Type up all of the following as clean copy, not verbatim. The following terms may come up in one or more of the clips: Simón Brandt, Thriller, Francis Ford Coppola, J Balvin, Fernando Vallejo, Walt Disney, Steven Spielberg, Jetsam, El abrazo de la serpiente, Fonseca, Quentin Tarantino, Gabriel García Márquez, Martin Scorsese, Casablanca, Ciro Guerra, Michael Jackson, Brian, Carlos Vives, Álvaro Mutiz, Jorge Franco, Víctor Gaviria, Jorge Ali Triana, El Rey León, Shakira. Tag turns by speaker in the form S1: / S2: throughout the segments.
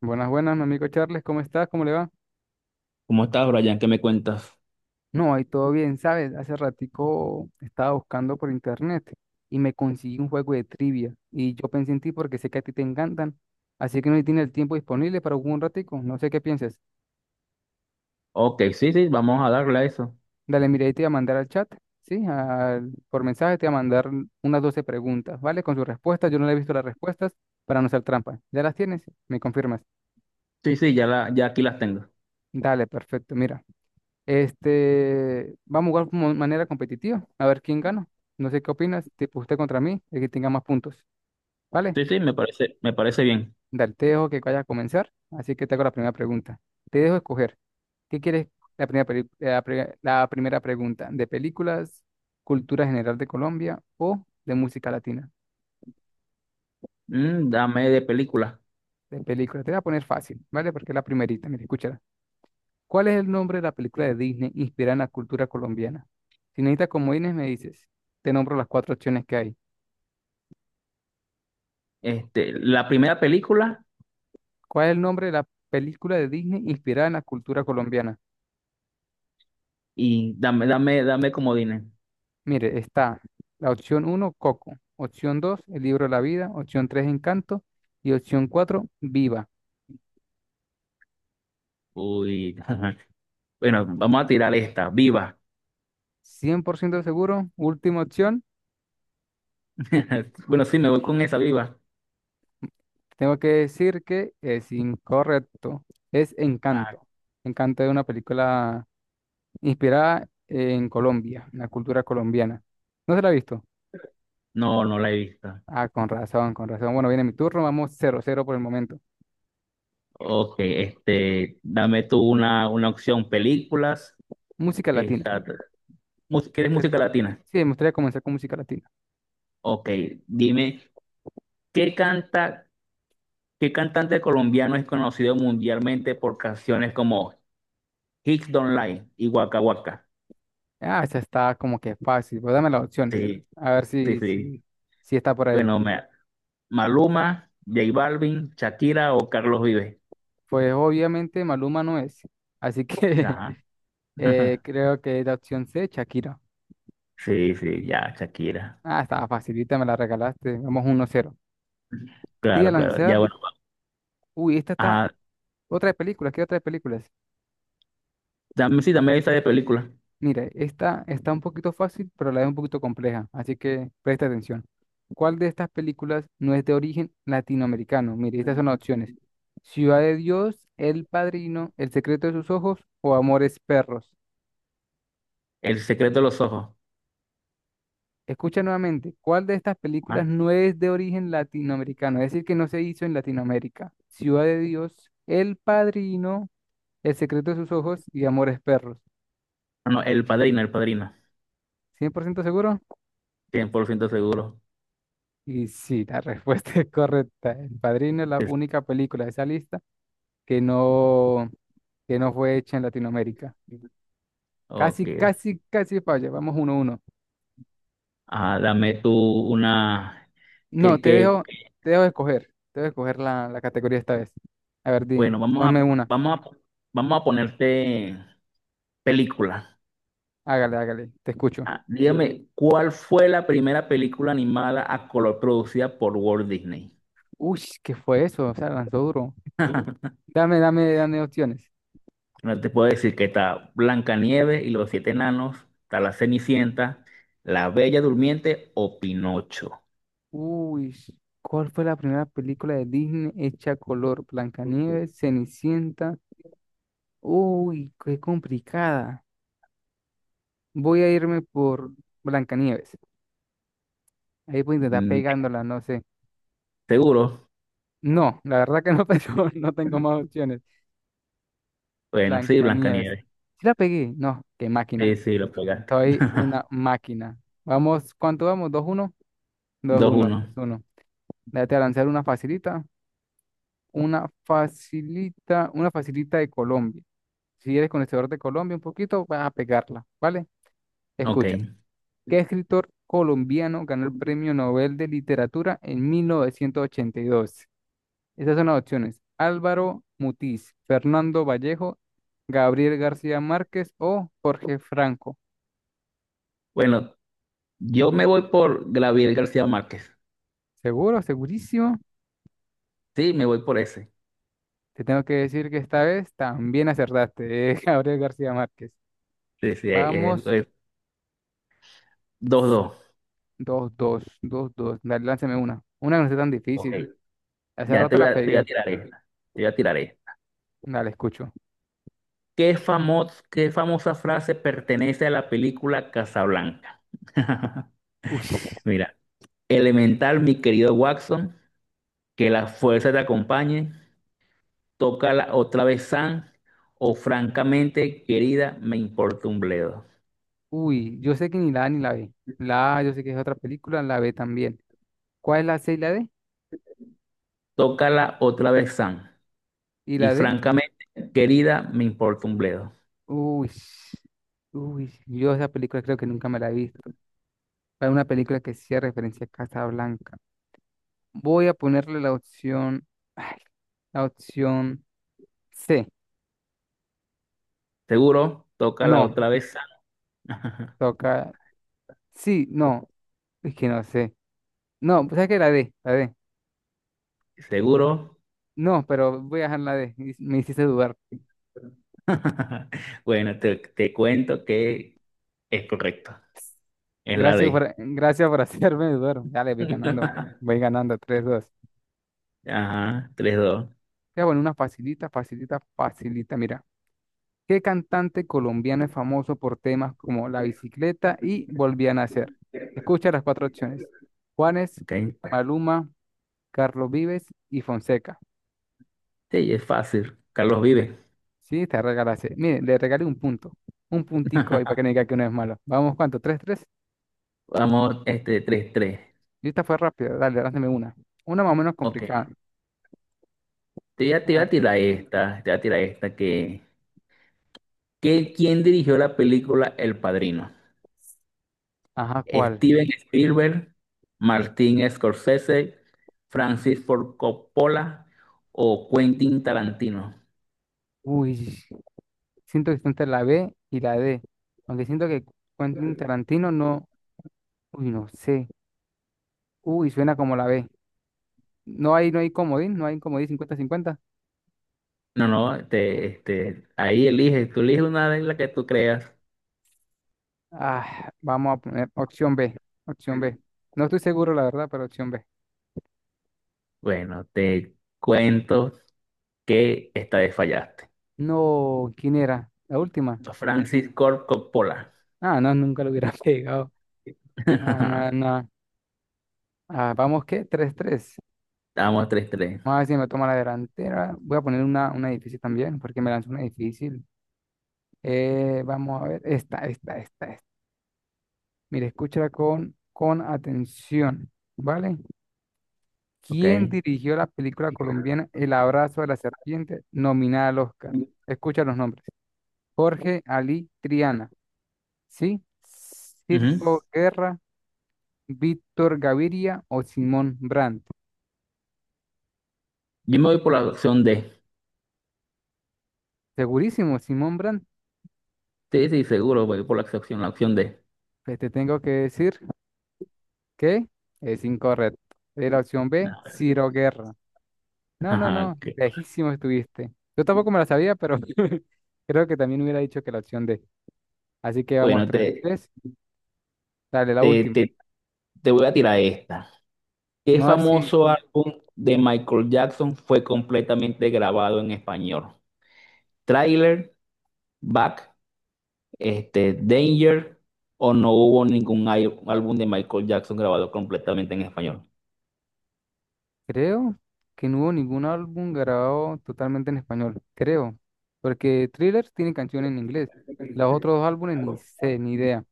S1: Buenas, buenas, mi amigo Charles, ¿cómo estás? ¿Cómo le va?
S2: ¿Cómo estás, Brian? ¿Qué me cuentas?
S1: No, ahí todo bien, ¿sabes? Hace ratico estaba buscando por internet y me conseguí un juego de trivia y yo pensé en ti porque sé que a ti te encantan, así que no tiene el tiempo disponible para jugar un ratico, no sé qué piensas.
S2: Ok, sí, sí, vamos a darle a eso.
S1: Dale, mira, ahí te voy a mandar al chat, ¿sí? Por mensaje te voy a mandar unas 12 preguntas, ¿vale? Con sus respuestas, yo no le he visto las respuestas para no hacer trampa. ¿Ya las tienes? ¿Me confirmas?
S2: Sí, sí, ya aquí las tengo.
S1: Dale, perfecto, mira. Vamos a jugar como de manera competitiva, a ver quién gana. No sé qué opinas, tipo usted contra mí, el que tenga más puntos. ¿Vale?
S2: Sí, sí, me parece bien.
S1: Dale, te dejo que vaya a comenzar, así que te hago la primera pregunta. Te dejo escoger. ¿Qué quieres? La primera, peli- la, pri- la primera pregunta, ¿de películas, cultura general de Colombia o de música latina?
S2: Dame de película.
S1: De películas. Te voy a poner fácil, ¿vale? Porque es la primerita, mira, escúchala. ¿Cuál es el nombre de la película de Disney inspirada en la cultura colombiana? Si necesitas comodines, me dices. Te nombro las cuatro opciones que hay.
S2: La primera película
S1: ¿Cuál es el nombre de la película de Disney inspirada en la cultura colombiana?
S2: y dame comodines.
S1: Mire, está la opción uno, Coco, opción 2, El libro de la vida, opción 3, Encanto y opción cuatro, Viva.
S2: Uy, bueno, vamos a tirar esta, Viva.
S1: 100% seguro, última opción,
S2: Bueno, sí, me voy con esa, Viva.
S1: tengo que decir que es incorrecto, es
S2: Ah,
S1: Encanto. Encanto es una película inspirada en Colombia, en la cultura colombiana. ¿No se la ha visto?
S2: no, no la he visto.
S1: Ah, con razón, con razón. Bueno, viene mi turno, vamos 0-0 por el momento.
S2: Ok, dame tú una opción, películas.
S1: Música latina.
S2: Esta, ¿Quieres
S1: Usted
S2: música latina?
S1: Sí, me gustaría comenzar con música latina.
S2: Ok, dime, ¿qué canta? ¿Qué cantante colombiano es conocido mundialmente por canciones como Hits Don't Lie y Waka Waka?
S1: Ah, esa está como que fácil, pues dame las opciones.
S2: Sí,
S1: A ver
S2: sí,
S1: si,
S2: sí.
S1: si, si está por ahí.
S2: Bueno, Maluma, J Balvin, Shakira o Carlos Vives.
S1: Pues obviamente Maluma no es. Así que
S2: Ajá.
S1: creo que es la opción C, Shakira.
S2: Sí, sí, ya, Shakira.
S1: Ah, estaba facilita, me la regalaste. Vamos 1-0. Te voy a
S2: Claro, claro. Ya,
S1: lanzar.
S2: bueno.
S1: Uy, esta está.
S2: Ah,
S1: Otra de películas, ¿qué otra de películas?
S2: dame, sí, dame esa de película.
S1: Mire, esta está un poquito fácil, pero a la es un poquito compleja, así que presta atención. ¿Cuál de estas películas no es de origen latinoamericano? Mire, estas son las opciones. Ciudad de Dios, El Padrino, El secreto de sus ojos o Amores Perros.
S2: El secreto de los ojos.
S1: Escucha nuevamente, ¿cuál de estas
S2: Ah,
S1: películas no es de origen latinoamericano? Es decir, que no se hizo en Latinoamérica. Ciudad de Dios, El Padrino, El secreto de sus ojos y Amores Perros.
S2: no, El Padrino, El Padrino.
S1: ¿100% seguro?
S2: 100% seguro.
S1: Y sí, la respuesta es correcta. El Padrino es la
S2: Sí,
S1: única película de esa lista que no, que no fue hecha en Latinoamérica.
S2: sí. Ok.
S1: Casi, casi, casi falla. Vamos 1-1.
S2: Ah, dame tú una.
S1: No,
S2: ¿Qué,
S1: te
S2: qué
S1: dejo, te dejo escoger. Te dejo escoger la categoría esta vez. A ver, di,
S2: Bueno,
S1: ponme una.
S2: vamos a, vamos a ponerte película.
S1: Hágale, hágale. Te escucho.
S2: Ah, dígame, ¿cuál fue la primera película animada a color producida por Walt Disney?
S1: Uy, ¿qué fue eso? O sea, lanzó duro. Dame, dame, dame opciones.
S2: No te puedo decir que está Blancanieves y los siete enanos, está La Cenicienta, La Bella Durmiente o Pinocho.
S1: Uy, ¿cuál fue la primera película de Disney hecha a color? Blancanieves, Cenicienta. Uy, qué complicada. Voy a irme por Blancanieves. Ahí voy a intentar
S2: Mm,
S1: pegándola, no sé.
S2: ¿seguro?
S1: No, la verdad que no tengo, no tengo más opciones.
S2: Bueno, sí,
S1: Blancanieves.
S2: Blancanieves.
S1: Si la pegué, no, qué máquina.
S2: Sí, sí, lo pegaste.
S1: Soy una máquina. Vamos, ¿cuánto vamos? 2-1, dos
S2: Dos
S1: uno,
S2: uno.
S1: 2-1. Déjate lanzar una facilita. Una facilita, una facilita de Colombia. Si eres conocedor de Colombia un poquito, vas a pegarla, ¿vale?
S2: Ok.
S1: Escucha, ¿qué escritor colombiano ganó el Premio Nobel de Literatura en 1982? Esas son las opciones. Álvaro Mutiz, Fernando Vallejo, Gabriel García Márquez o Jorge Franco.
S2: Bueno, yo me voy por Gabriel García Márquez.
S1: ¿Seguro? ¿Segurísimo?
S2: Sí, me voy por ese.
S1: Te tengo que decir que esta vez también acertaste, Gabriel García Márquez.
S2: Sí, sí,
S1: Vamos,
S2: dos, dos.
S1: dos, dos, dos, dos. Dale, lánzame una. Una que no sea tan
S2: Ok.
S1: difícil. Hace
S2: Ya te
S1: rato
S2: voy
S1: la
S2: a, te voy a
S1: pegué.
S2: tirar esta. Te voy a tirar esta.
S1: Dale, escucho.
S2: ¿Qué famosa frase pertenece a la película Casablanca?
S1: Uy,
S2: Mira, elemental, mi querido Watson, que la fuerza te acompañe, tócala otra vez, Sam, o francamente, querida, me importa un bledo.
S1: uy, yo sé que ni la A ni la B. La A yo sé que es otra película, la B también. ¿Cuál es la C y la D?
S2: Tócala otra vez, Sam,
S1: ¿Y
S2: y
S1: la D?
S2: francamente, querida, me importa un bledo.
S1: Uy, uy, yo esa película creo que nunca me la he visto. Hay una película que sí hace referencia a Casa Blanca. Voy a ponerle ay, la opción C.
S2: ¿Seguro? Tócala
S1: No,
S2: otra vez, Sam.
S1: toca, sí, no, es que no sé. No, pues es que la D.
S2: ¿Seguro?
S1: No, pero voy a dejar la D. Y me hiciste dudar.
S2: Bueno, te cuento que es correcto. Es la
S1: Gracias
S2: D.
S1: por, gracias por hacerme dudar. Dale, voy ganando 3-2.
S2: Ajá, tres dos.
S1: Voy a poner una facilita, facilita, facilita. Mira. ¿Qué cantante colombiano es famoso por temas como La bicicleta y Volví a nacer? Escucha las cuatro opciones. Juanes,
S2: Ok.
S1: Maluma, Carlos Vives y Fonseca.
S2: Sí, es fácil. Carlos vive.
S1: Sí, te regalaste. Mire, le regalé un punto. Un puntico ahí para que no diga que uno es malo. Vamos, ¿cuánto? ¿3-3?
S2: Vamos, tres tres.
S1: Y esta fue rápida. Dale, lánzame una. Una más o menos
S2: Ok.
S1: complicada.
S2: Te voy a
S1: Ah,
S2: tirar esta. Te voy a tirar esta ¿quién dirigió la película El Padrino?
S1: ajá, ¿cuál?
S2: Steven Spielberg, Martin Scorsese, Francis Ford Coppola o Quentin Tarantino.
S1: Uy, siento que está entre la B y la D. Aunque siento que Quentin Tarantino no. Uy, no sé. Uy, suena como la B. No hay comodín 50-50.
S2: No, no, ahí eliges, tú eliges una de las que tú creas.
S1: Ah, vamos a poner opción B. No estoy seguro, la verdad, pero opción B.
S2: Bueno, te cuento que esta vez fallaste.
S1: No, ¿quién era? La última.
S2: Francis Ford Coppola.
S1: Ah, no, nunca lo hubiera pegado. Ah, nada, no. Ah, vamos, qué 3-3.
S2: Estamos tres tres.
S1: Vamos a ver si me toma la delantera. Voy a poner una difícil también, porque me lanzó una difícil. Vamos a ver, esta, esta, esta, esta. Mire, escúchala con atención, ¿vale?
S2: Ok.
S1: ¿Quién dirigió la película colombiana El abrazo de la serpiente, nominada al Oscar? Escucha los nombres. Jorge Ali Triana, ¿sí?
S2: Ujú.
S1: Circo Guerra, Víctor Gaviria o Simón Brandt.
S2: Yo me voy por la opción D.
S1: Segurísimo, Simón Brandt.
S2: Sí, sí, seguro, voy por la opción D.
S1: Pues te tengo que decir que es incorrecto. Es la opción B, Ciro Guerra. No, no,
S2: Ajá,
S1: no,
S2: ok.
S1: lejísimo estuviste. Yo tampoco me la sabía, pero creo que también hubiera dicho que la opción D. Así que vamos,
S2: Bueno,
S1: tres, tres. Dale, la
S2: te,
S1: última.
S2: te, te voy a tirar esta. ¿Qué
S1: Vamos a ver si...
S2: famoso álbum de Michael Jackson fue completamente grabado en español? Thriller, Back, Danger, o no hubo ningún álbum de Michael Jackson grabado completamente en español.
S1: Creo que no hubo ningún álbum grabado totalmente en español, creo, porque Thriller tiene canciones en inglés, los otros dos álbumes ni sé, ni idea.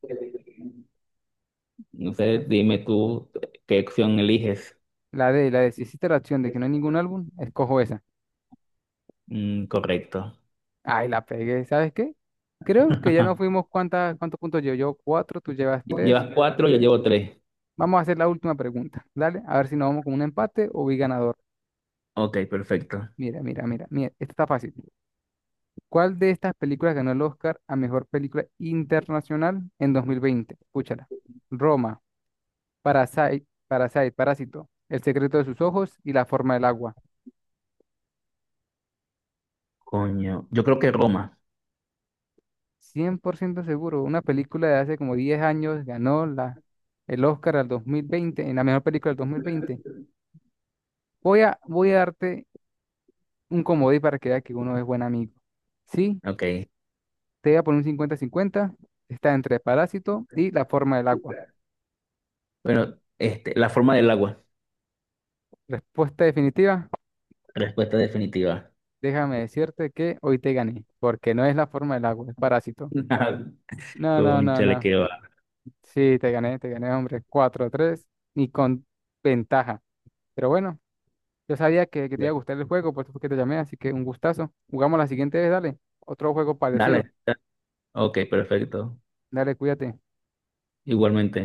S1: As-
S2: Entonces, dime tú qué opción eliges.
S1: la de, si hiciste la acción de que no hay ningún álbum, escojo esa.
S2: Mm, correcto.
S1: Ay, la pegué, ¿sabes qué? Creo que ya nos fuimos, ¿cuántos puntos llevo yo? Cuatro, tú llevas tres.
S2: Llevas cuatro, yo llevo tres.
S1: Vamos a hacer la última pregunta, dale, a ver si nos vamos con un empate o vi ganador.
S2: Ok, perfecto.
S1: Mira, mira, mira, mira, esta está fácil. ¿Cuál de estas películas ganó el Oscar a Mejor Película Internacional en 2020? Escúchala. Roma, Parasite, Parasite, Parásito, El secreto de sus ojos y La forma del agua.
S2: Coño, yo creo que Roma.
S1: 100% seguro, una película de hace como 10 años ganó el Oscar al 2020 en la mejor película del 2020. Voy a darte un comodín para que veas que uno es buen amigo. Sí,
S2: Ok.
S1: te voy a poner un 50-50. Está entre Parásito y La forma del agua.
S2: Bueno, la forma del agua.
S1: Respuesta definitiva.
S2: Respuesta definitiva.
S1: Déjame decirte que hoy te gané, porque no es la forma del agua, es parásito. No, no, no,
S2: Cónchale,
S1: no.
S2: que va.
S1: Sí, te gané, hombre. 4-3, ni con ventaja. Pero bueno, yo sabía que te iba a gustar el juego, por eso fue que te llamé, así que un gustazo. Jugamos la siguiente vez, dale. Otro juego parecido.
S2: Dale. Ok, perfecto.
S1: Dale, cuídate.
S2: Igualmente.